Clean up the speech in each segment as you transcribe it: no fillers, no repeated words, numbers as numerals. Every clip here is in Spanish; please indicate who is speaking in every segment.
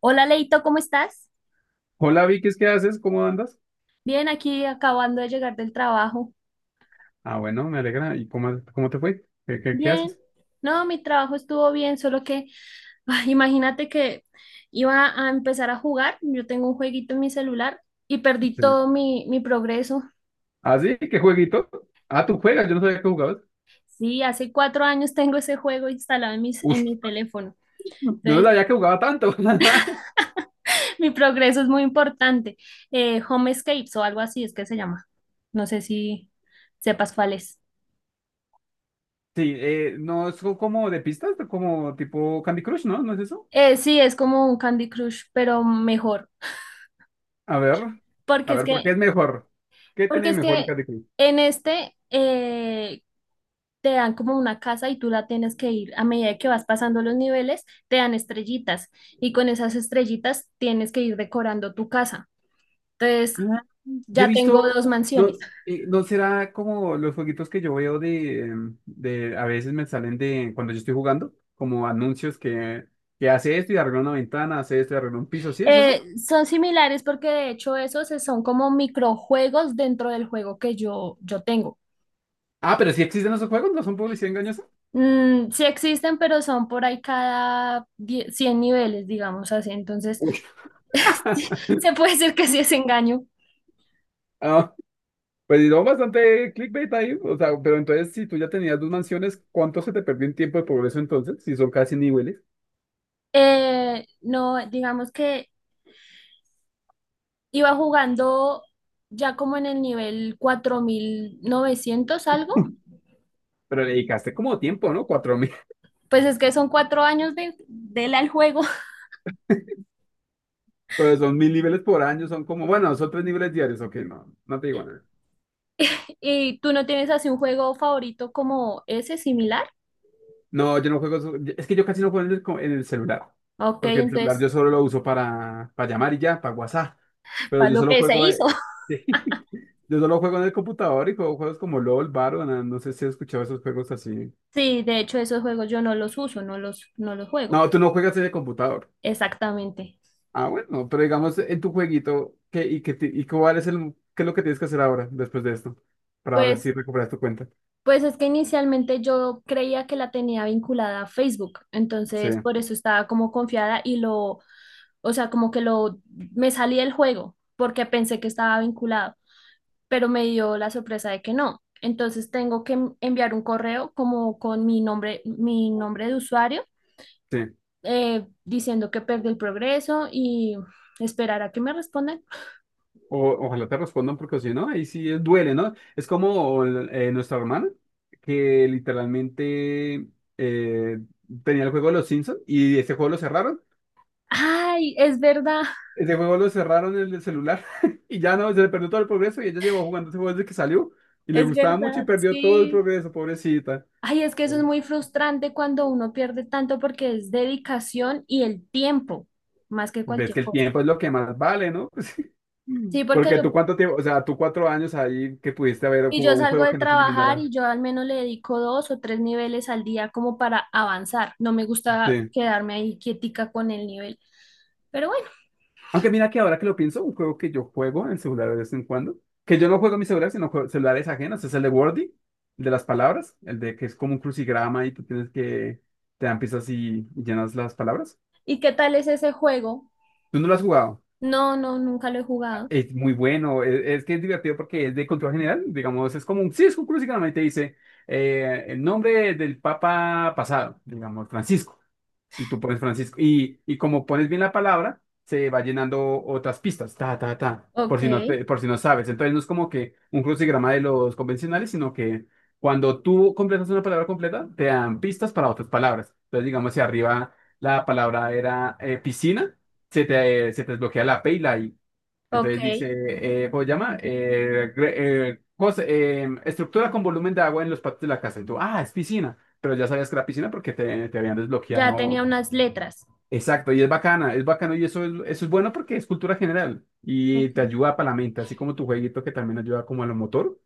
Speaker 1: Hola Leito, ¿cómo estás?
Speaker 2: Hola Vicky, ¿qué haces? ¿Cómo andas?
Speaker 1: Bien, aquí acabando de llegar del trabajo.
Speaker 2: Ah, bueno, me alegra. ¿Y cómo te fue? ¿Qué
Speaker 1: Bien.
Speaker 2: haces?
Speaker 1: No, mi trabajo estuvo bien, solo que ay, imagínate que iba a empezar a jugar. Yo tengo un jueguito en mi celular y perdí todo mi progreso.
Speaker 2: ¿Ah, sí? ¿Qué jueguito? Ah, tú juegas, yo no sabía que jugabas.
Speaker 1: Sí, hace 4 años tengo ese juego instalado en
Speaker 2: Uf,
Speaker 1: mi teléfono.
Speaker 2: yo no
Speaker 1: Entonces,
Speaker 2: sabía que jugaba tanto.
Speaker 1: mi progreso es muy importante. Home Escapes o algo así es que se llama. No sé si sepas cuál es.
Speaker 2: Sí, no es como de pistas, como tipo Candy Crush, ¿no? ¿No es eso?
Speaker 1: Sí, es como un Candy Crush, pero mejor.
Speaker 2: A ver, a
Speaker 1: Porque es
Speaker 2: ver, ¿por qué
Speaker 1: que
Speaker 2: es mejor? ¿Qué
Speaker 1: Porque
Speaker 2: tiene
Speaker 1: es
Speaker 2: mejor el
Speaker 1: que
Speaker 2: Candy Crush?
Speaker 1: en este te dan como una casa y tú la tienes que ir a medida que vas pasando los niveles, te dan estrellitas y con esas estrellitas tienes que ir decorando tu casa. Entonces,
Speaker 2: Yo he
Speaker 1: ya tengo
Speaker 2: visto,
Speaker 1: dos
Speaker 2: no,
Speaker 1: mansiones.
Speaker 2: no será como los jueguitos que yo veo de, de, a veces me salen de, cuando yo estoy jugando, como anuncios que hace esto y arregla una ventana, hace esto y arregla un piso, ¿sí es eso?
Speaker 1: Son similares porque de hecho esos son como microjuegos dentro del juego que yo tengo.
Speaker 2: Ah, pero sí existen esos juegos, ¿no son publicidad engañosa?
Speaker 1: Sí existen, pero son por ahí cada 100 niveles, digamos así. Entonces,
Speaker 2: Uy,
Speaker 1: se puede decir que sí es engaño.
Speaker 2: Ah, pues no, bastante clickbait ahí, o sea, pero entonces si tú ya tenías dos mansiones, ¿cuánto se te perdió en tiempo de progreso entonces? Si son casi niveles,
Speaker 1: No, digamos que iba jugando ya como en el nivel 4.900 algo.
Speaker 2: pero le dedicaste como tiempo, ¿no? 4000.
Speaker 1: Pues es que son 4 años del al juego.
Speaker 2: Pero son 1000 niveles por año, son como, bueno, son tres niveles diarios, ok, no, no te digo nada.
Speaker 1: ¿Y tú no tienes así un juego favorito como ese similar?
Speaker 2: No, yo no juego. Es que yo casi no juego en el, en el celular.
Speaker 1: Ok,
Speaker 2: Porque el celular
Speaker 1: entonces,
Speaker 2: yo solo lo uso para llamar y ya, para WhatsApp. Pero
Speaker 1: para
Speaker 2: yo
Speaker 1: lo
Speaker 2: solo
Speaker 1: que se
Speaker 2: juego.
Speaker 1: hizo.
Speaker 2: Yo solo juego en el computador y juego juegos como LOL, Valorant. No sé si has escuchado esos juegos así.
Speaker 1: Sí, de hecho esos juegos yo no los uso, no los juego.
Speaker 2: No, tú no juegas en el computador.
Speaker 1: Exactamente.
Speaker 2: Ah, bueno, pero digamos en tu jueguito, ¿qué, y, qué, ti- y cuál es el, qué es lo que tienes que hacer ahora, después de esto? Para ver
Speaker 1: Pues,
Speaker 2: si recuperas tu cuenta.
Speaker 1: pues es que inicialmente yo creía que la tenía vinculada a Facebook,
Speaker 2: Sí,
Speaker 1: entonces por eso estaba como confiada y lo o sea, como que me salí del juego porque pensé que estaba vinculado, pero me dio la sorpresa de que no. Entonces tengo que enviar un correo como con mi nombre de usuario,
Speaker 2: sí.
Speaker 1: diciendo que perdí el progreso y esperar a que me respondan.
Speaker 2: O, ojalá te respondan porque si no, ahí sí duele, ¿no? Es como nuestra hermana que literalmente eh, tenía el juego de los Simpsons y ese juego lo cerraron.
Speaker 1: Ay, es verdad.
Speaker 2: Ese juego lo cerraron en el celular y ya no, se le perdió todo el progreso y ella llevó jugando ese juego desde que salió y le
Speaker 1: Es
Speaker 2: gustaba mucho y
Speaker 1: verdad,
Speaker 2: perdió todo el
Speaker 1: sí.
Speaker 2: progreso, pobrecita.
Speaker 1: Ay, es que eso es
Speaker 2: Sí.
Speaker 1: muy frustrante cuando uno pierde tanto porque es dedicación y el tiempo, más que
Speaker 2: Ves
Speaker 1: cualquier
Speaker 2: que el
Speaker 1: cosa.
Speaker 2: tiempo es lo que más vale, ¿no? Pues,
Speaker 1: Sí, porque
Speaker 2: porque
Speaker 1: yo
Speaker 2: tú cuánto tiempo, o sea, tú 4 años ahí que pudiste haber
Speaker 1: y yo
Speaker 2: jugado un
Speaker 1: salgo
Speaker 2: juego
Speaker 1: de
Speaker 2: que no se
Speaker 1: trabajar
Speaker 2: eliminara.
Speaker 1: y yo al menos le dedico dos o tres niveles al día como para avanzar. No me gusta
Speaker 2: Sí.
Speaker 1: quedarme ahí quietica con el nivel. Pero bueno,
Speaker 2: Aunque mira que ahora que lo pienso, un juego que yo juego en celular de vez en cuando, que yo no juego en mi celular, sino juego celulares ajenos, es el de Wordy, el de las palabras, el de que es como un crucigrama y tú tienes que, te dan pistas y llenas las palabras.
Speaker 1: ¿y qué tal es ese juego?
Speaker 2: ¿Tú no lo has jugado?
Speaker 1: No, no, nunca lo he jugado.
Speaker 2: Es muy bueno, es que es divertido porque es de control general, digamos, es como un Cisco Cruz y te dice el nombre del Papa pasado, digamos, Francisco, y tú pones Francisco, y como pones bien la palabra, se va llenando otras pistas, ta, ta, ta, por
Speaker 1: Ok,
Speaker 2: si no, por si no sabes, entonces no es como que un crucigrama de los convencionales, sino que cuando tú completas una palabra completa, te dan pistas para otras palabras, entonces digamos, si arriba la palabra era piscina, se te desbloquea la P y la I.
Speaker 1: ok.
Speaker 2: Entonces dice, ¿cómo se llama? Estructura con volumen de agua en los patios de la casa. Y tú, ah, es piscina. Pero ya sabías que era piscina porque te habían
Speaker 1: Ya tenía
Speaker 2: desbloqueado.
Speaker 1: unas letras.
Speaker 2: Exacto, y es bacana, es bacano y eso es bueno porque es cultura general y
Speaker 1: Ok,
Speaker 2: te ayuda para la mente, así como tu jueguito que también ayuda como a lo motor,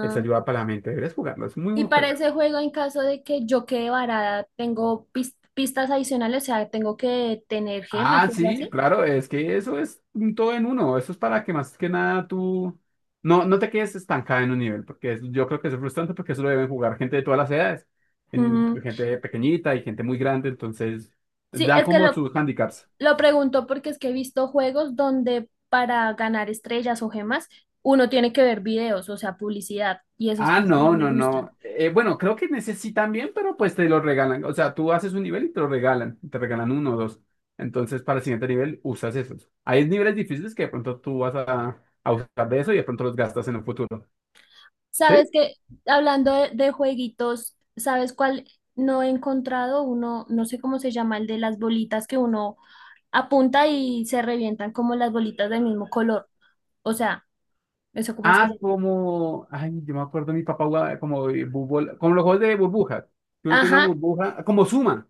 Speaker 2: eso ayuda para la mente. Deberías jugarlo, es muy
Speaker 1: Y
Speaker 2: buen
Speaker 1: para
Speaker 2: juego.
Speaker 1: ese juego, en caso de que yo quede varada, tengo pistas adicionales, o sea, tengo que tener gemas
Speaker 2: Ah,
Speaker 1: o algo
Speaker 2: sí,
Speaker 1: así.
Speaker 2: claro, es que eso es un todo en uno. Eso es para que más que nada tú no te quedes estancada en un nivel, porque yo creo que eso es frustrante porque eso lo deben jugar gente de todas las edades,
Speaker 1: Mm,
Speaker 2: gente pequeñita y gente muy grande, entonces
Speaker 1: Sí,
Speaker 2: dan
Speaker 1: es que
Speaker 2: como
Speaker 1: lo,
Speaker 2: sus handicaps.
Speaker 1: Lo pregunto porque es que he visto juegos donde para ganar estrellas o gemas uno tiene que ver videos, o sea, publicidad, y esos
Speaker 2: Ah,
Speaker 1: casi no
Speaker 2: no,
Speaker 1: me
Speaker 2: no,
Speaker 1: gustan.
Speaker 2: no. Bueno, creo que necesitan bien, pero pues te lo regalan. O sea, tú haces un nivel y te lo regalan, te regalan uno o dos. Entonces, para el siguiente nivel usas esos. Hay niveles difíciles que de pronto tú vas a usar de eso y de pronto los gastas en el futuro.
Speaker 1: Sabes
Speaker 2: ¿Sí?
Speaker 1: que, hablando de jueguitos, ¿sabes cuál no he encontrado? Uno, no sé cómo se llama, el de las bolitas que uno apunta y se revientan como las bolitas del mismo color. O sea, ¿eso cómo se
Speaker 2: Ah,
Speaker 1: llama?
Speaker 2: como, ay, yo me acuerdo, mi papá jugaba como de como los juegos de burbujas, que uno tiene una
Speaker 1: Ajá.
Speaker 2: burbuja, como Suma.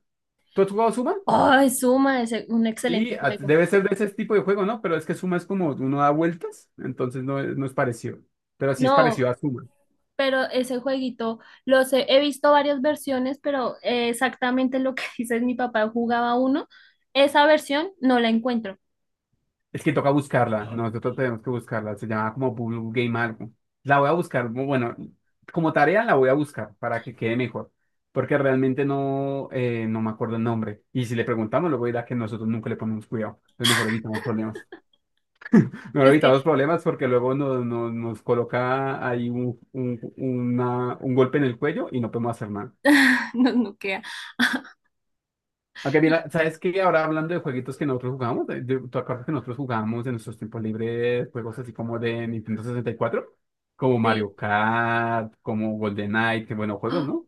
Speaker 2: ¿Tú has jugado Suma?
Speaker 1: Ay, suma, es un
Speaker 2: Sí,
Speaker 1: excelente juego.
Speaker 2: debe ser de ese tipo de juego, ¿no? Pero es que Suma es como uno da vueltas, entonces no es parecido. Pero sí es parecido a
Speaker 1: No,
Speaker 2: Suma.
Speaker 1: pero ese jueguito los he visto, varias versiones, pero exactamente lo que dices, mi papá jugaba uno, esa versión no la encuentro.
Speaker 2: Es que toca buscarla, nosotros tenemos que buscarla, se llama como Blue Game algo. La voy a buscar, bueno, como tarea la voy a buscar para que quede mejor, porque realmente no, no me acuerdo el nombre. Y si le preguntamos, luego dirá que nosotros nunca le ponemos cuidado, entonces mejor evitamos problemas. Mejor
Speaker 1: Pues
Speaker 2: evitamos
Speaker 1: que
Speaker 2: problemas porque luego nos coloca ahí un golpe en el cuello y no podemos hacer nada.
Speaker 1: no, no queda.
Speaker 2: Aunque
Speaker 1: Y,
Speaker 2: mira, ¿sabes qué? Ahora hablando de jueguitos que nosotros jugamos, ¿tú acuerdas que nosotros jugamos en nuestros tiempos libres juegos así como de Nintendo 64? Como
Speaker 1: sí.
Speaker 2: Mario Kart, como GoldenEye, que buenos juegos,
Speaker 1: ¡Ah!
Speaker 2: ¿no?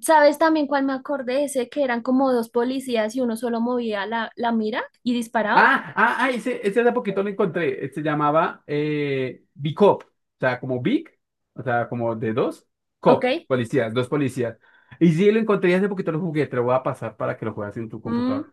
Speaker 1: ¿Sabes también cuál me acordé? Ese que eran como dos policías y uno solo movía la mira y disparaba.
Speaker 2: Ah, ah, ah, ese hace poquito lo encontré. Se llamaba Bicop, o sea, como Big, o sea, como de dos,
Speaker 1: Ok.
Speaker 2: Cop, policías, dos policías. Y sí, lo encontré y hace poquito, lo jugué, te lo voy a pasar para que lo juegues en tu
Speaker 1: Mm,
Speaker 2: computador.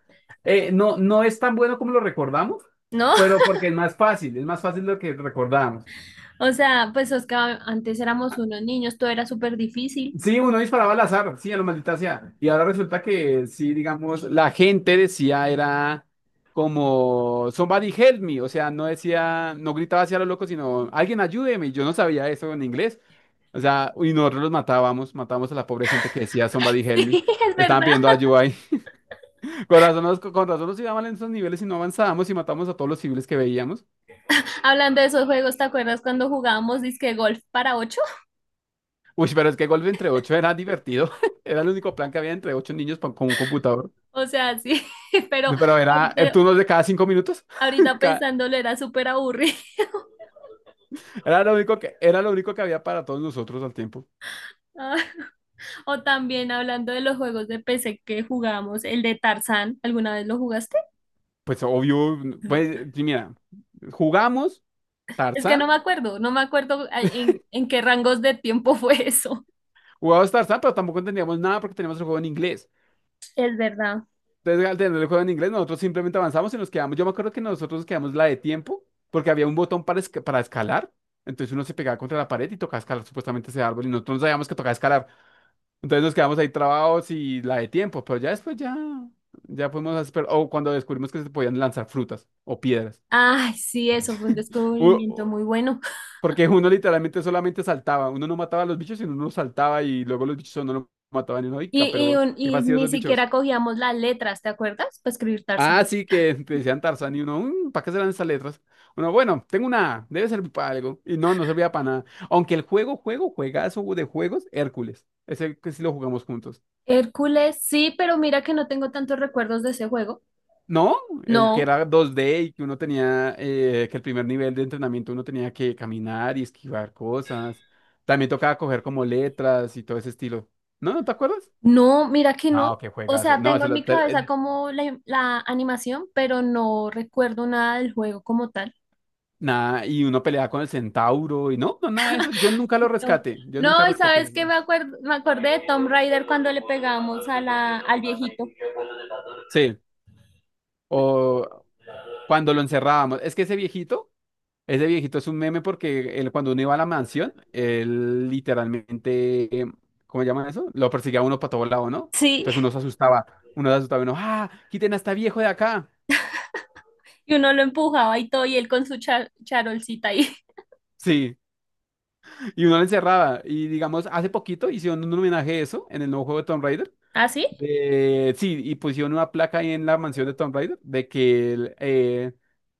Speaker 2: No, no es tan bueno como lo recordamos,
Speaker 1: no.
Speaker 2: pero porque es más fácil de lo que recordamos.
Speaker 1: O sea, pues Oscar, antes éramos unos niños, todo era súper difícil.
Speaker 2: Sí, uno disparaba al azar, sí, a lo maldita sea. Y ahora resulta que sí, digamos, la gente decía era como somebody help me, o sea, no decía, no gritaba hacia los locos, sino alguien ayúdeme. Y yo no sabía eso en inglés. O sea, y nosotros los matábamos, matábamos a la pobre gente que decía somebody help me.
Speaker 1: Sí, es
Speaker 2: Estaban
Speaker 1: verdad.
Speaker 2: pidiendo ayuda ahí. Con razón nos iba mal en esos niveles y no avanzábamos y matábamos a todos los civiles que veíamos.
Speaker 1: Hablando de esos juegos, ¿te acuerdas cuando jugábamos disque golf para ocho?
Speaker 2: Uy, pero es que golpe entre ocho era divertido. Era el único plan que había entre ocho niños con un computador.
Speaker 1: O sea, sí, pero
Speaker 2: Pero era el
Speaker 1: ahorita,
Speaker 2: turno de cada 5 minutos.
Speaker 1: ahorita
Speaker 2: Cada-
Speaker 1: pensándolo era súper aburrido.
Speaker 2: era lo único que había para todos nosotros al tiempo.
Speaker 1: Ah, O también hablando de los juegos de PC que jugamos, el de Tarzán, ¿alguna vez lo jugaste?
Speaker 2: Pues obvio, pues y mira, jugamos
Speaker 1: Es que
Speaker 2: Tarzán,
Speaker 1: no me acuerdo en qué rangos de tiempo fue eso.
Speaker 2: jugamos Tarzán, pero tampoco entendíamos nada porque teníamos el juego en inglés.
Speaker 1: Es verdad.
Speaker 2: Entonces, al tener el juego en inglés, nosotros simplemente avanzamos y nos quedamos. Yo me acuerdo que nosotros nos quedamos la de tiempo, porque había un botón para, para escalar. Entonces uno se pegaba contra la pared y tocaba escalar supuestamente ese árbol y nosotros no sabíamos que tocaba escalar. Entonces nos quedamos ahí trabados y la de tiempo, pero ya después ya fuimos a o cuando descubrimos que se podían lanzar frutas o piedras.
Speaker 1: Ay, sí, eso fue un
Speaker 2: U-
Speaker 1: descubrimiento
Speaker 2: u-
Speaker 1: muy bueno.
Speaker 2: porque uno literalmente solamente saltaba, uno no mataba a los bichos, sino uno no saltaba y luego los bichos no lo mataban y uno,
Speaker 1: Y,
Speaker 2: "Ica,
Speaker 1: y,
Speaker 2: pero
Speaker 1: un-
Speaker 2: qué
Speaker 1: y
Speaker 2: fastidio
Speaker 1: ni
Speaker 2: esos bichos.
Speaker 1: siquiera cogíamos las letras, ¿te acuerdas? Para escribir
Speaker 2: Ah,
Speaker 1: Tarzán.
Speaker 2: sí, que te decían Tarzán y uno, ¿para qué serán esas letras? Uno, bueno, tengo una A, debe servir para algo. Y no, no servía para nada. Aunque el juegazo de juegos, Hércules. Es el que sí lo jugamos juntos.
Speaker 1: Hércules, sí, pero mira que no tengo tantos recuerdos de ese juego.
Speaker 2: No, el que
Speaker 1: No.
Speaker 2: era 2D y que uno tenía, que el primer nivel de entrenamiento uno tenía que caminar y esquivar cosas. También tocaba coger como letras y todo ese estilo. ¿No? ¿No te acuerdas?
Speaker 1: No, mira que no.
Speaker 2: No, qué
Speaker 1: O
Speaker 2: juegazo.
Speaker 1: sea,
Speaker 2: No,
Speaker 1: tengo en mi cabeza como la animación, pero no recuerdo nada del juego como tal.
Speaker 2: nada, y uno peleaba con el centauro y no, no, nada de eso. Yo nunca lo
Speaker 1: No,
Speaker 2: rescaté. Yo nunca
Speaker 1: no, y
Speaker 2: rescaté ese
Speaker 1: sabes que
Speaker 2: juego.
Speaker 1: me acuerdo, me acordé de Tomb Raider cuando le pegamos a la, al viejito.
Speaker 2: Sí, o cuando lo encerrábamos. Es que ese viejito Ese viejito es un meme porque él, cuando uno iba a la mansión, él literalmente, ¿cómo se llama eso? Lo perseguía a uno para todos lados, ¿no?
Speaker 1: Sí,
Speaker 2: Entonces uno se asustaba, uno, ¡ah! Quiten a este viejo de acá.
Speaker 1: y uno lo empujaba y todo, y él con su charolcita ahí.
Speaker 2: Sí, y uno le encerraba. Y digamos, hace poquito hicieron un homenaje a eso en el nuevo juego de Tomb Raider.
Speaker 1: ¿Ah, sí?
Speaker 2: Sí, y pusieron una placa ahí en la mansión de Tom Raider de que el, eh,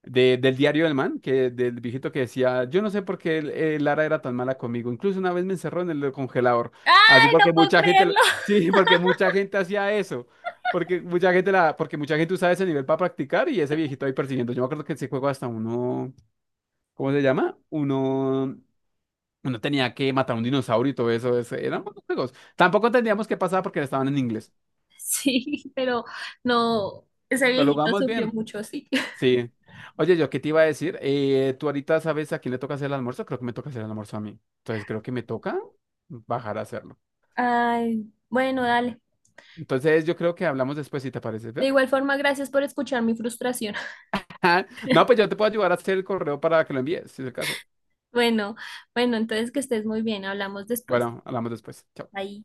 Speaker 2: de- del diario del man, que del viejito que decía, yo no sé por qué Lara era tan mala conmigo. Incluso una vez me encerró en el congelador. Así
Speaker 1: ¡Ay,
Speaker 2: porque
Speaker 1: no puedo
Speaker 2: mucha gente,
Speaker 1: creerlo!
Speaker 2: sí, porque mucha gente hacía eso. Porque mucha gente usaba ese nivel para practicar y ese viejito ahí persiguiendo. Yo me acuerdo que ese juego hasta uno, ¿cómo se llama? Uno tenía que matar a un dinosaurio y todo eso. Eran buenos juegos. Tampoco entendíamos qué pasaba porque estaban en inglés.
Speaker 1: Sí, pero no, ese
Speaker 2: Pero lo
Speaker 1: viejito
Speaker 2: jugamos
Speaker 1: sufrió
Speaker 2: bien.
Speaker 1: mucho, sí.
Speaker 2: Sí. Oye, yo qué te iba a decir, tú ahorita sabes a quién le toca hacer el almuerzo, creo que me toca hacer el almuerzo a mí. Entonces creo que me toca bajar a hacerlo.
Speaker 1: Ay, bueno, dale.
Speaker 2: Entonces yo creo que hablamos después si te parece.
Speaker 1: De
Speaker 2: ¿Ve?
Speaker 1: igual forma, gracias por escuchar mi frustración.
Speaker 2: No, pues yo te puedo ayudar a hacer el correo para que lo envíes, si es el caso.
Speaker 1: Bueno, bueno, entonces que estés muy bien, hablamos después.
Speaker 2: Bueno, hablamos después. Chao.
Speaker 1: Ahí.